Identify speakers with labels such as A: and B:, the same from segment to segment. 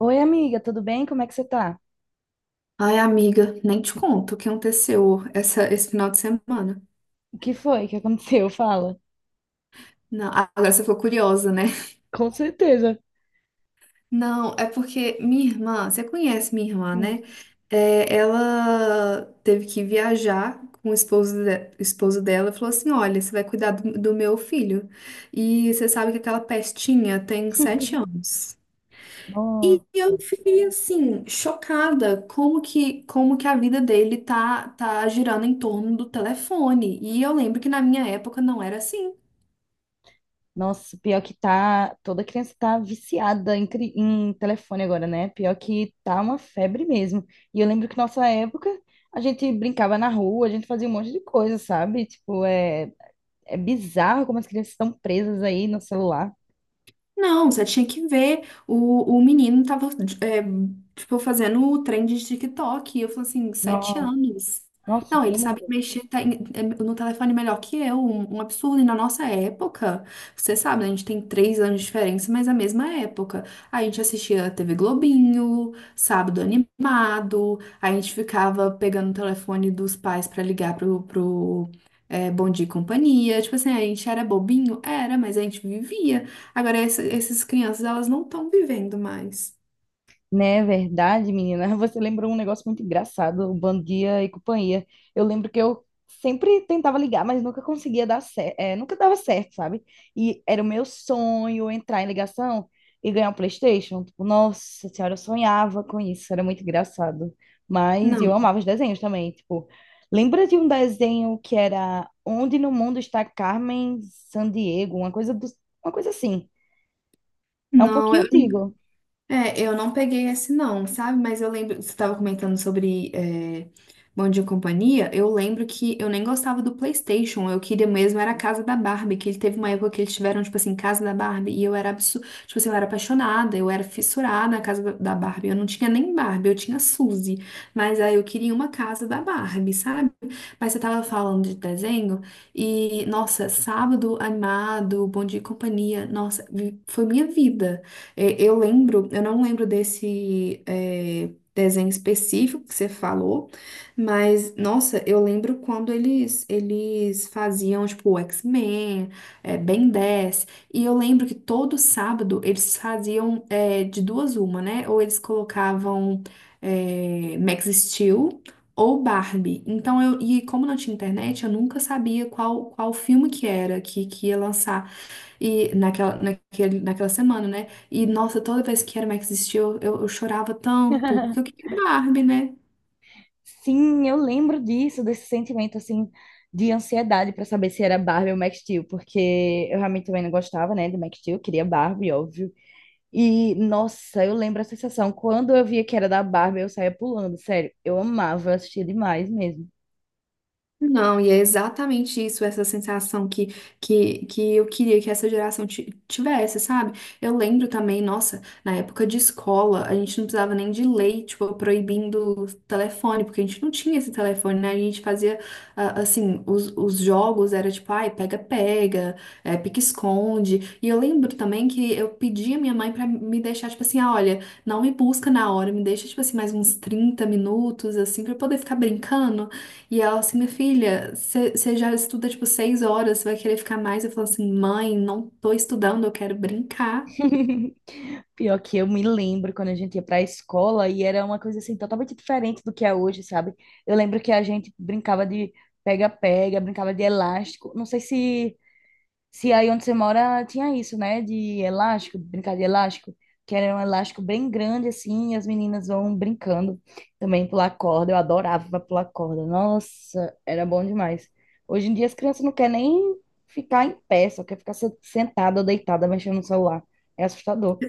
A: Oi, amiga, tudo bem? Como é que você tá?
B: Ai, amiga, nem te conto o que aconteceu esse final de semana.
A: O que foi que aconteceu? Fala.
B: Não, agora você ficou curiosa, né?
A: Com certeza.
B: Não, é porque minha irmã, você conhece minha irmã,
A: Sim.
B: né? É, ela teve que viajar com o esposo, o esposo dela e falou assim: Olha, você vai cuidar do meu filho. E você sabe que aquela pestinha tem sete anos. E
A: Nossa,
B: eu fiquei assim, chocada como que a vida dele tá girando em torno do telefone. E eu lembro que na minha época não era assim.
A: nossa, pior que tá. Toda criança tá viciada em telefone agora, né? Pior que tá uma febre mesmo. E eu lembro que nossa época a gente brincava na rua, a gente fazia um monte de coisa, sabe? Tipo, é bizarro como as crianças estão presas aí no celular.
B: Não, você tinha que ver. O menino tava, é, tipo, fazendo o trem de TikTok. E eu falei assim, sete
A: Nossa,
B: anos.
A: nossa,
B: Não,
A: pelo
B: ele
A: amor de
B: sabe
A: Deus.
B: no telefone melhor que eu. Um absurdo. E na nossa época, você sabe, né, a gente tem três anos de diferença, mas é a mesma época. A gente assistia TV Globinho, Sábado Animado. A gente ficava pegando o telefone dos pais pra Bom Dia e Companhia. Tipo assim, a gente era bobinho? Era, mas a gente vivia. Agora, essas crianças, elas não estão vivendo mais.
A: Né, verdade, menina. Você lembrou um negócio muito engraçado, o Bom Dia e Companhia. Eu lembro que eu sempre tentava ligar, mas nunca conseguia dar certo, nunca dava certo, sabe? E era o meu sonho entrar em ligação e ganhar um PlayStation. Tipo, nossa senhora, eu sonhava com isso, era muito engraçado. Mas eu
B: Não,
A: amava os desenhos também, tipo, lembra de um desenho que era Onde no Mundo está Carmen Sandiego, uma coisa do, uma coisa assim. É um
B: não,
A: pouquinho
B: eu,
A: antigo.
B: É, eu não peguei esse não, sabe? Mas eu lembro, você estava comentando sobre Bom Dia e Companhia, eu lembro que eu nem gostava do PlayStation, eu queria mesmo era a casa da Barbie, que ele teve uma época que eles tiveram, tipo assim, casa da Barbie, e eu era absurda, tipo assim, eu era apaixonada, eu era fissurada na casa da Barbie, eu não tinha nem Barbie, eu tinha Suzy, mas aí eu queria uma casa da Barbie, sabe? Mas você tava falando de desenho, e nossa, sábado animado, Bom Dia e Companhia, nossa, foi minha vida. Eu lembro, eu não lembro desse desenho específico que você falou, mas nossa, eu lembro quando eles faziam tipo o X-Men, Ben 10, e eu lembro que todo sábado eles faziam de duas uma, né? Ou eles colocavam Max Steel ou Barbie. Então eu e como não tinha internet, eu nunca sabia qual filme que era que ia lançar. E naquela semana, né? E nossa, toda vez que era Max Steel, eu chorava tanto, porque eu queria Barbie, né?
A: Sim, eu lembro disso, desse sentimento assim de ansiedade para saber se era Barbie ou Max Steel, porque eu realmente também não gostava, né, de Max Steel, queria Barbie, óbvio. E nossa, eu lembro a sensação quando eu via que era da Barbie, eu saía pulando, sério. Eu amava assistir demais mesmo.
B: Não, e é exatamente isso, essa sensação que eu queria que essa geração tivesse, sabe? Eu lembro também, nossa, na época de escola, a gente não precisava nem de lei, tipo, proibindo o telefone, porque a gente não tinha esse telefone, né? A gente fazia, ah, assim, os jogos era tipo, ai, pega-pega, pique-esconde. E eu lembro também que eu pedi a minha mãe pra me deixar, tipo assim, ah, olha, não me busca na hora, me deixa, tipo assim, mais uns 30 minutos, assim, pra eu poder ficar brincando. E ela assim, minha filha, você já estuda tipo 6 horas, você vai querer ficar mais? Eu falo assim, mãe, não tô estudando, eu quero brincar.
A: Pior que eu me lembro quando a gente ia pra escola e era uma coisa assim totalmente diferente do que é hoje, sabe? Eu lembro que a gente brincava de pega-pega, brincava de elástico. Não sei se se aí onde você mora tinha isso, né? De elástico, brincar de elástico, que era um elástico bem grande assim, e as meninas vão brincando também pular corda. Eu adorava pular corda. Nossa, era bom demais. Hoje em dia as crianças não querem nem ficar em pé, só quer ficar sentada ou deitada mexendo no celular. É assustador.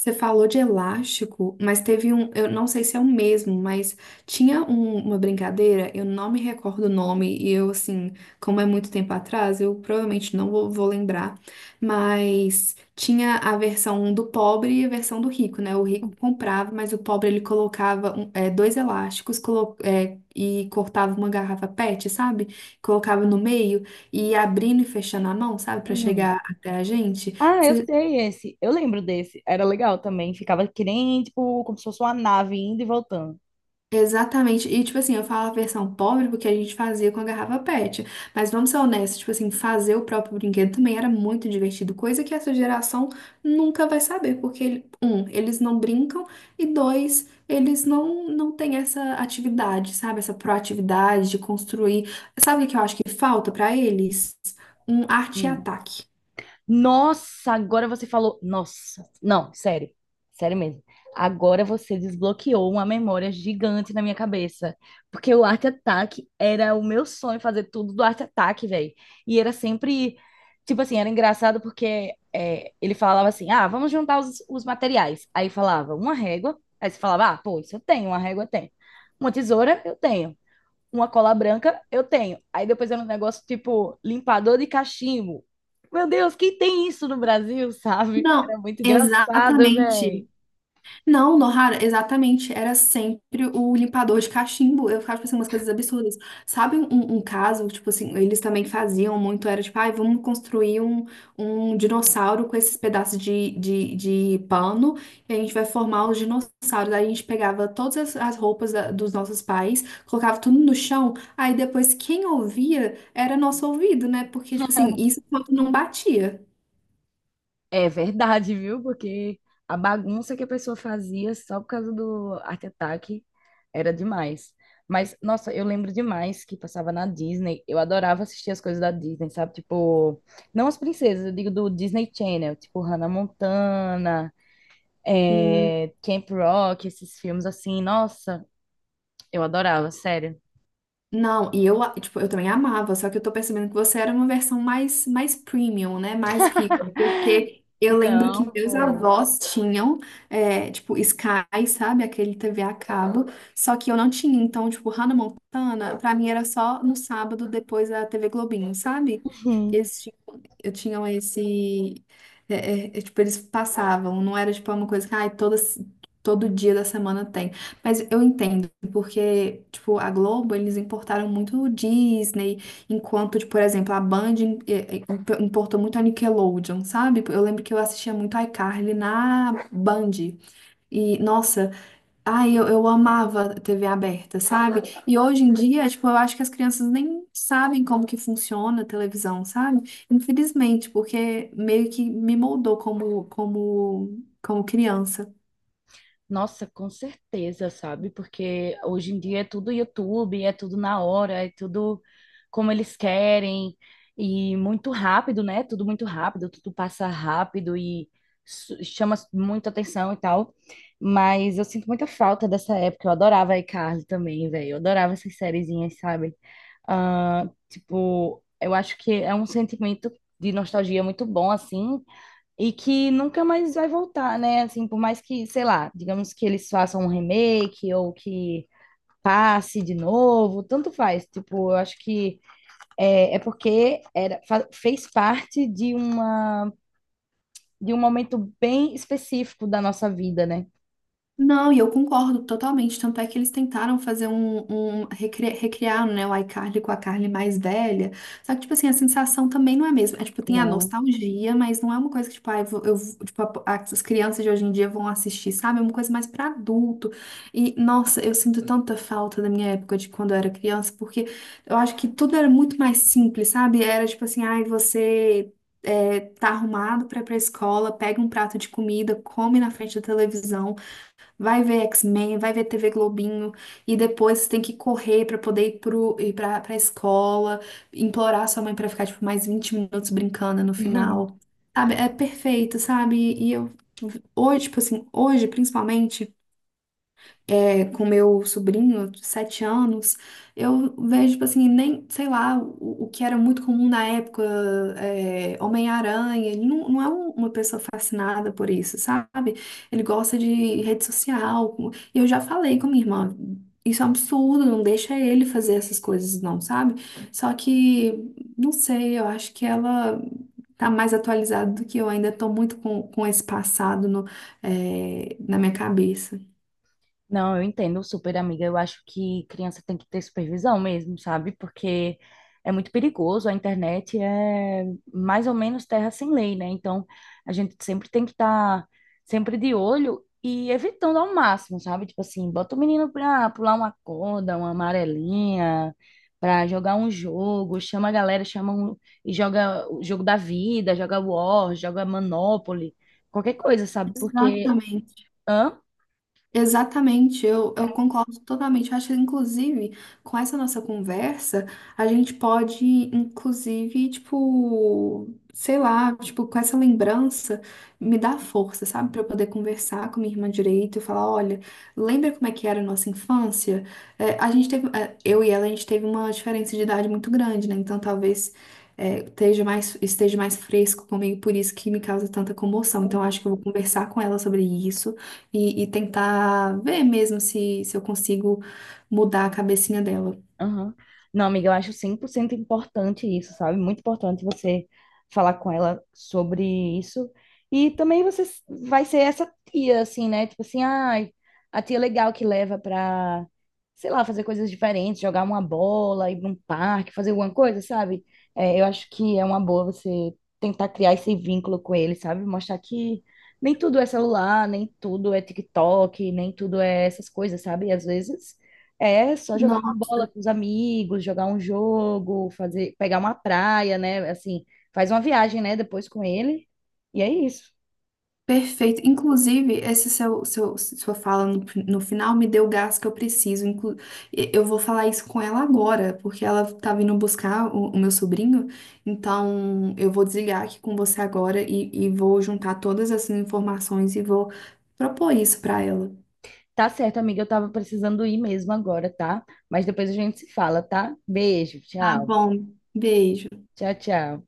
B: Você falou de elástico, mas teve um, eu não sei se é o mesmo, mas tinha uma brincadeira, eu não me recordo o nome, e eu, assim, como é muito tempo atrás, eu provavelmente não vou, vou lembrar, mas tinha a versão do pobre e a versão do rico, né? O rico comprava, mas o pobre ele colocava dois elásticos e cortava uma garrafa PET, sabe? Colocava no meio e ia abrindo e fechando a mão, sabe? Pra
A: Uhum.
B: chegar até a gente.
A: Ah, eu
B: Você
A: sei esse. Eu lembro desse. Era legal também. Ficava que nem, tipo, como se fosse uma nave indo e voltando.
B: Exatamente. E, tipo assim, eu falo a versão pobre porque a gente fazia com a garrafa PET. Mas vamos ser honestos, tipo assim, fazer o próprio brinquedo também era muito divertido, coisa que essa geração nunca vai saber, porque, um, eles não brincam, e dois, eles não, não têm essa atividade, sabe? Essa proatividade de construir. Sabe o que eu acho que falta pra eles? Um arte e ataque.
A: Nossa, agora você falou. Nossa, não, sério, sério mesmo. Agora você desbloqueou uma memória gigante na minha cabeça. Porque o Art Attack era o meu sonho fazer tudo do Art Attack, velho. E era sempre. Tipo assim, era engraçado porque ele falava assim: ah, vamos juntar os materiais. Aí falava uma régua, aí você falava: ah, pô, isso eu tenho, uma régua eu tenho. Uma tesoura eu tenho uma cola branca, eu tenho. Aí depois era um negócio tipo limpador de cachimbo. Meu Deus, quem tem isso no Brasil, sabe?
B: Não,
A: Era muito engraçado,
B: exatamente.
A: velho.
B: Não, Nohara, exatamente. Era sempre o limpador de cachimbo. Eu ficava pensando umas coisas absurdas. Sabe um caso, tipo assim, eles também faziam muito, era tipo, ai, vamos construir um, um dinossauro com esses pedaços de pano e a gente vai formar os dinossauros. Aí a gente pegava todas as roupas dos nossos pais, colocava tudo no chão, aí depois quem ouvia era nosso ouvido, né? Porque, tipo assim, isso quando não batia.
A: É verdade, viu? Porque a bagunça que a pessoa fazia só por causa do Art Attack era demais. Mas, nossa, eu lembro demais que passava na Disney. Eu adorava assistir as coisas da Disney, sabe? Tipo, não as princesas, eu digo do Disney Channel, tipo Hannah Montana, Camp Rock, esses filmes assim. Nossa, eu adorava, sério.
B: Não, e eu, tipo, eu também amava, só que eu tô percebendo que você era uma versão mais premium, né? Mais rica, porque eu lembro que
A: Não,
B: meus
A: pô.
B: avós tinham, tipo, Sky, sabe? Aquele TV a cabo, só que eu não tinha. Então, tipo, Hannah Montana, pra mim era só no sábado depois da TV Globinho, sabe?
A: Uhum.
B: Eles tinham, eu tinham esse. é, tipo, eles passavam, não era, tipo, uma coisa que todo dia da semana tem. Mas eu entendo. Porque, tipo, a Globo, eles importaram muito o Disney, enquanto, tipo, por exemplo, a Band eh, eh, importou muito a Nickelodeon, sabe? Eu lembro que eu assistia muito iCarly na Band. E, nossa, eu amava TV aberta, sabe? E hoje em dia, tipo, eu acho que as crianças nem sabem como que funciona a televisão, sabe? Infelizmente, porque meio que me moldou como, como criança.
A: Nossa, com certeza, sabe? Porque hoje em dia é tudo YouTube, é tudo na hora, é tudo como eles querem e muito rápido, né? Tudo muito rápido, tudo passa rápido e chama muita atenção e tal. Mas eu sinto muita falta dessa época. Eu adorava a iCarly também, velho. Eu adorava essas sériezinhas, sabe? Ah, tipo, eu acho que é um sentimento de nostalgia muito bom, assim, e que nunca mais vai voltar, né? Assim, por mais que, sei lá, digamos que eles façam um remake ou que passe de novo, tanto faz. Tipo, eu acho que é porque era, fez parte de uma, de um momento bem específico da nossa vida, né?
B: Não, e eu concordo totalmente. Tanto é que eles tentaram fazer um, um recriar, né, o iCarly com a Carly mais velha. Só que, tipo assim, a sensação também não é a mesma. É, tipo, tem a
A: Não.
B: nostalgia, mas não é uma coisa que, tipo, ah, tipo, as crianças de hoje em dia vão assistir, sabe? É uma coisa mais pra adulto. E, nossa, eu sinto tanta falta da minha época de quando eu era criança, porque eu acho que tudo era muito mais simples, sabe? Era, tipo assim, ai, você. Tá arrumado pra ir pra escola, pega um prato de comida, come na frente da televisão, vai ver X-Men, vai ver TV Globinho, e depois você tem que correr pra poder ir pra escola, implorar sua mãe pra ficar, tipo, mais 20 minutos brincando no final. Sabe? É perfeito, sabe? E eu, hoje, tipo assim, hoje, principalmente com meu sobrinho, de sete anos, eu vejo, tipo assim, nem, sei lá, o que era muito comum na época, Homem-Aranha, ele não, não é uma pessoa fascinada por isso, sabe? Ele gosta de rede social, e eu já falei com minha irmã, isso é um absurdo, não deixa ele fazer essas coisas não, sabe? Só que, não sei, eu acho que ela... Tá mais atualizada do que eu, ainda tô muito com esse passado no, é, na minha cabeça.
A: Não, eu entendo super, amiga. Eu acho que criança tem que ter supervisão mesmo, sabe? Porque é muito perigoso. A internet é mais ou menos terra sem lei, né? Então, a gente sempre tem que estar sempre de olho e evitando ao máximo, sabe? Tipo assim, bota o menino pra pular uma corda, uma amarelinha, pra jogar um jogo, chama a galera, chama um, e joga o jogo da vida, joga War, joga Monopoly, qualquer coisa, sabe? Porque.
B: Exatamente.
A: Hã?
B: Exatamente, eu concordo totalmente. Eu acho que, inclusive, com essa nossa conversa, a gente pode, inclusive, tipo, sei lá, tipo, com essa lembrança, me dar força, sabe? Para eu poder conversar com minha irmã direito e falar: olha, lembra como é que era a nossa infância? A gente teve, eu e ela, a gente teve uma diferença de idade muito grande, né? Então, talvez esteja esteja mais fresco comigo, por isso que me causa tanta comoção. Então, eu acho que eu vou conversar com ela sobre isso. E tentar ver mesmo se eu consigo mudar a cabecinha dela.
A: Aham. Não, amiga, eu acho 100% importante isso, sabe? Muito importante você falar com ela sobre isso. E também você vai ser essa tia, assim, né? Tipo assim, ai, a tia legal que leva pra, sei lá, fazer coisas diferentes, jogar uma bola, ir pra um parque, fazer alguma coisa, sabe? É, eu acho que é uma boa você tentar criar esse vínculo com ele, sabe? Mostrar que nem tudo é celular, nem tudo é TikTok, nem tudo é essas coisas, sabe? Às vezes. É só jogar uma
B: Nossa,
A: bola com os amigos, jogar um jogo, fazer, pegar uma praia, né? Assim, faz uma viagem, né? Depois com ele. E é isso.
B: perfeito. Inclusive, sua fala no final me deu o gás que eu preciso. Inclu Eu vou falar isso com ela agora, porque ela tá vindo buscar o meu sobrinho. Então, eu vou desligar aqui com você agora e vou juntar todas essas informações e vou propor isso pra ela.
A: Tá certo, amiga. Eu tava precisando ir mesmo agora, tá? Mas depois a gente se fala, tá? Beijo,
B: Tá
A: tchau.
B: bom. Beijo.
A: Tchau, tchau.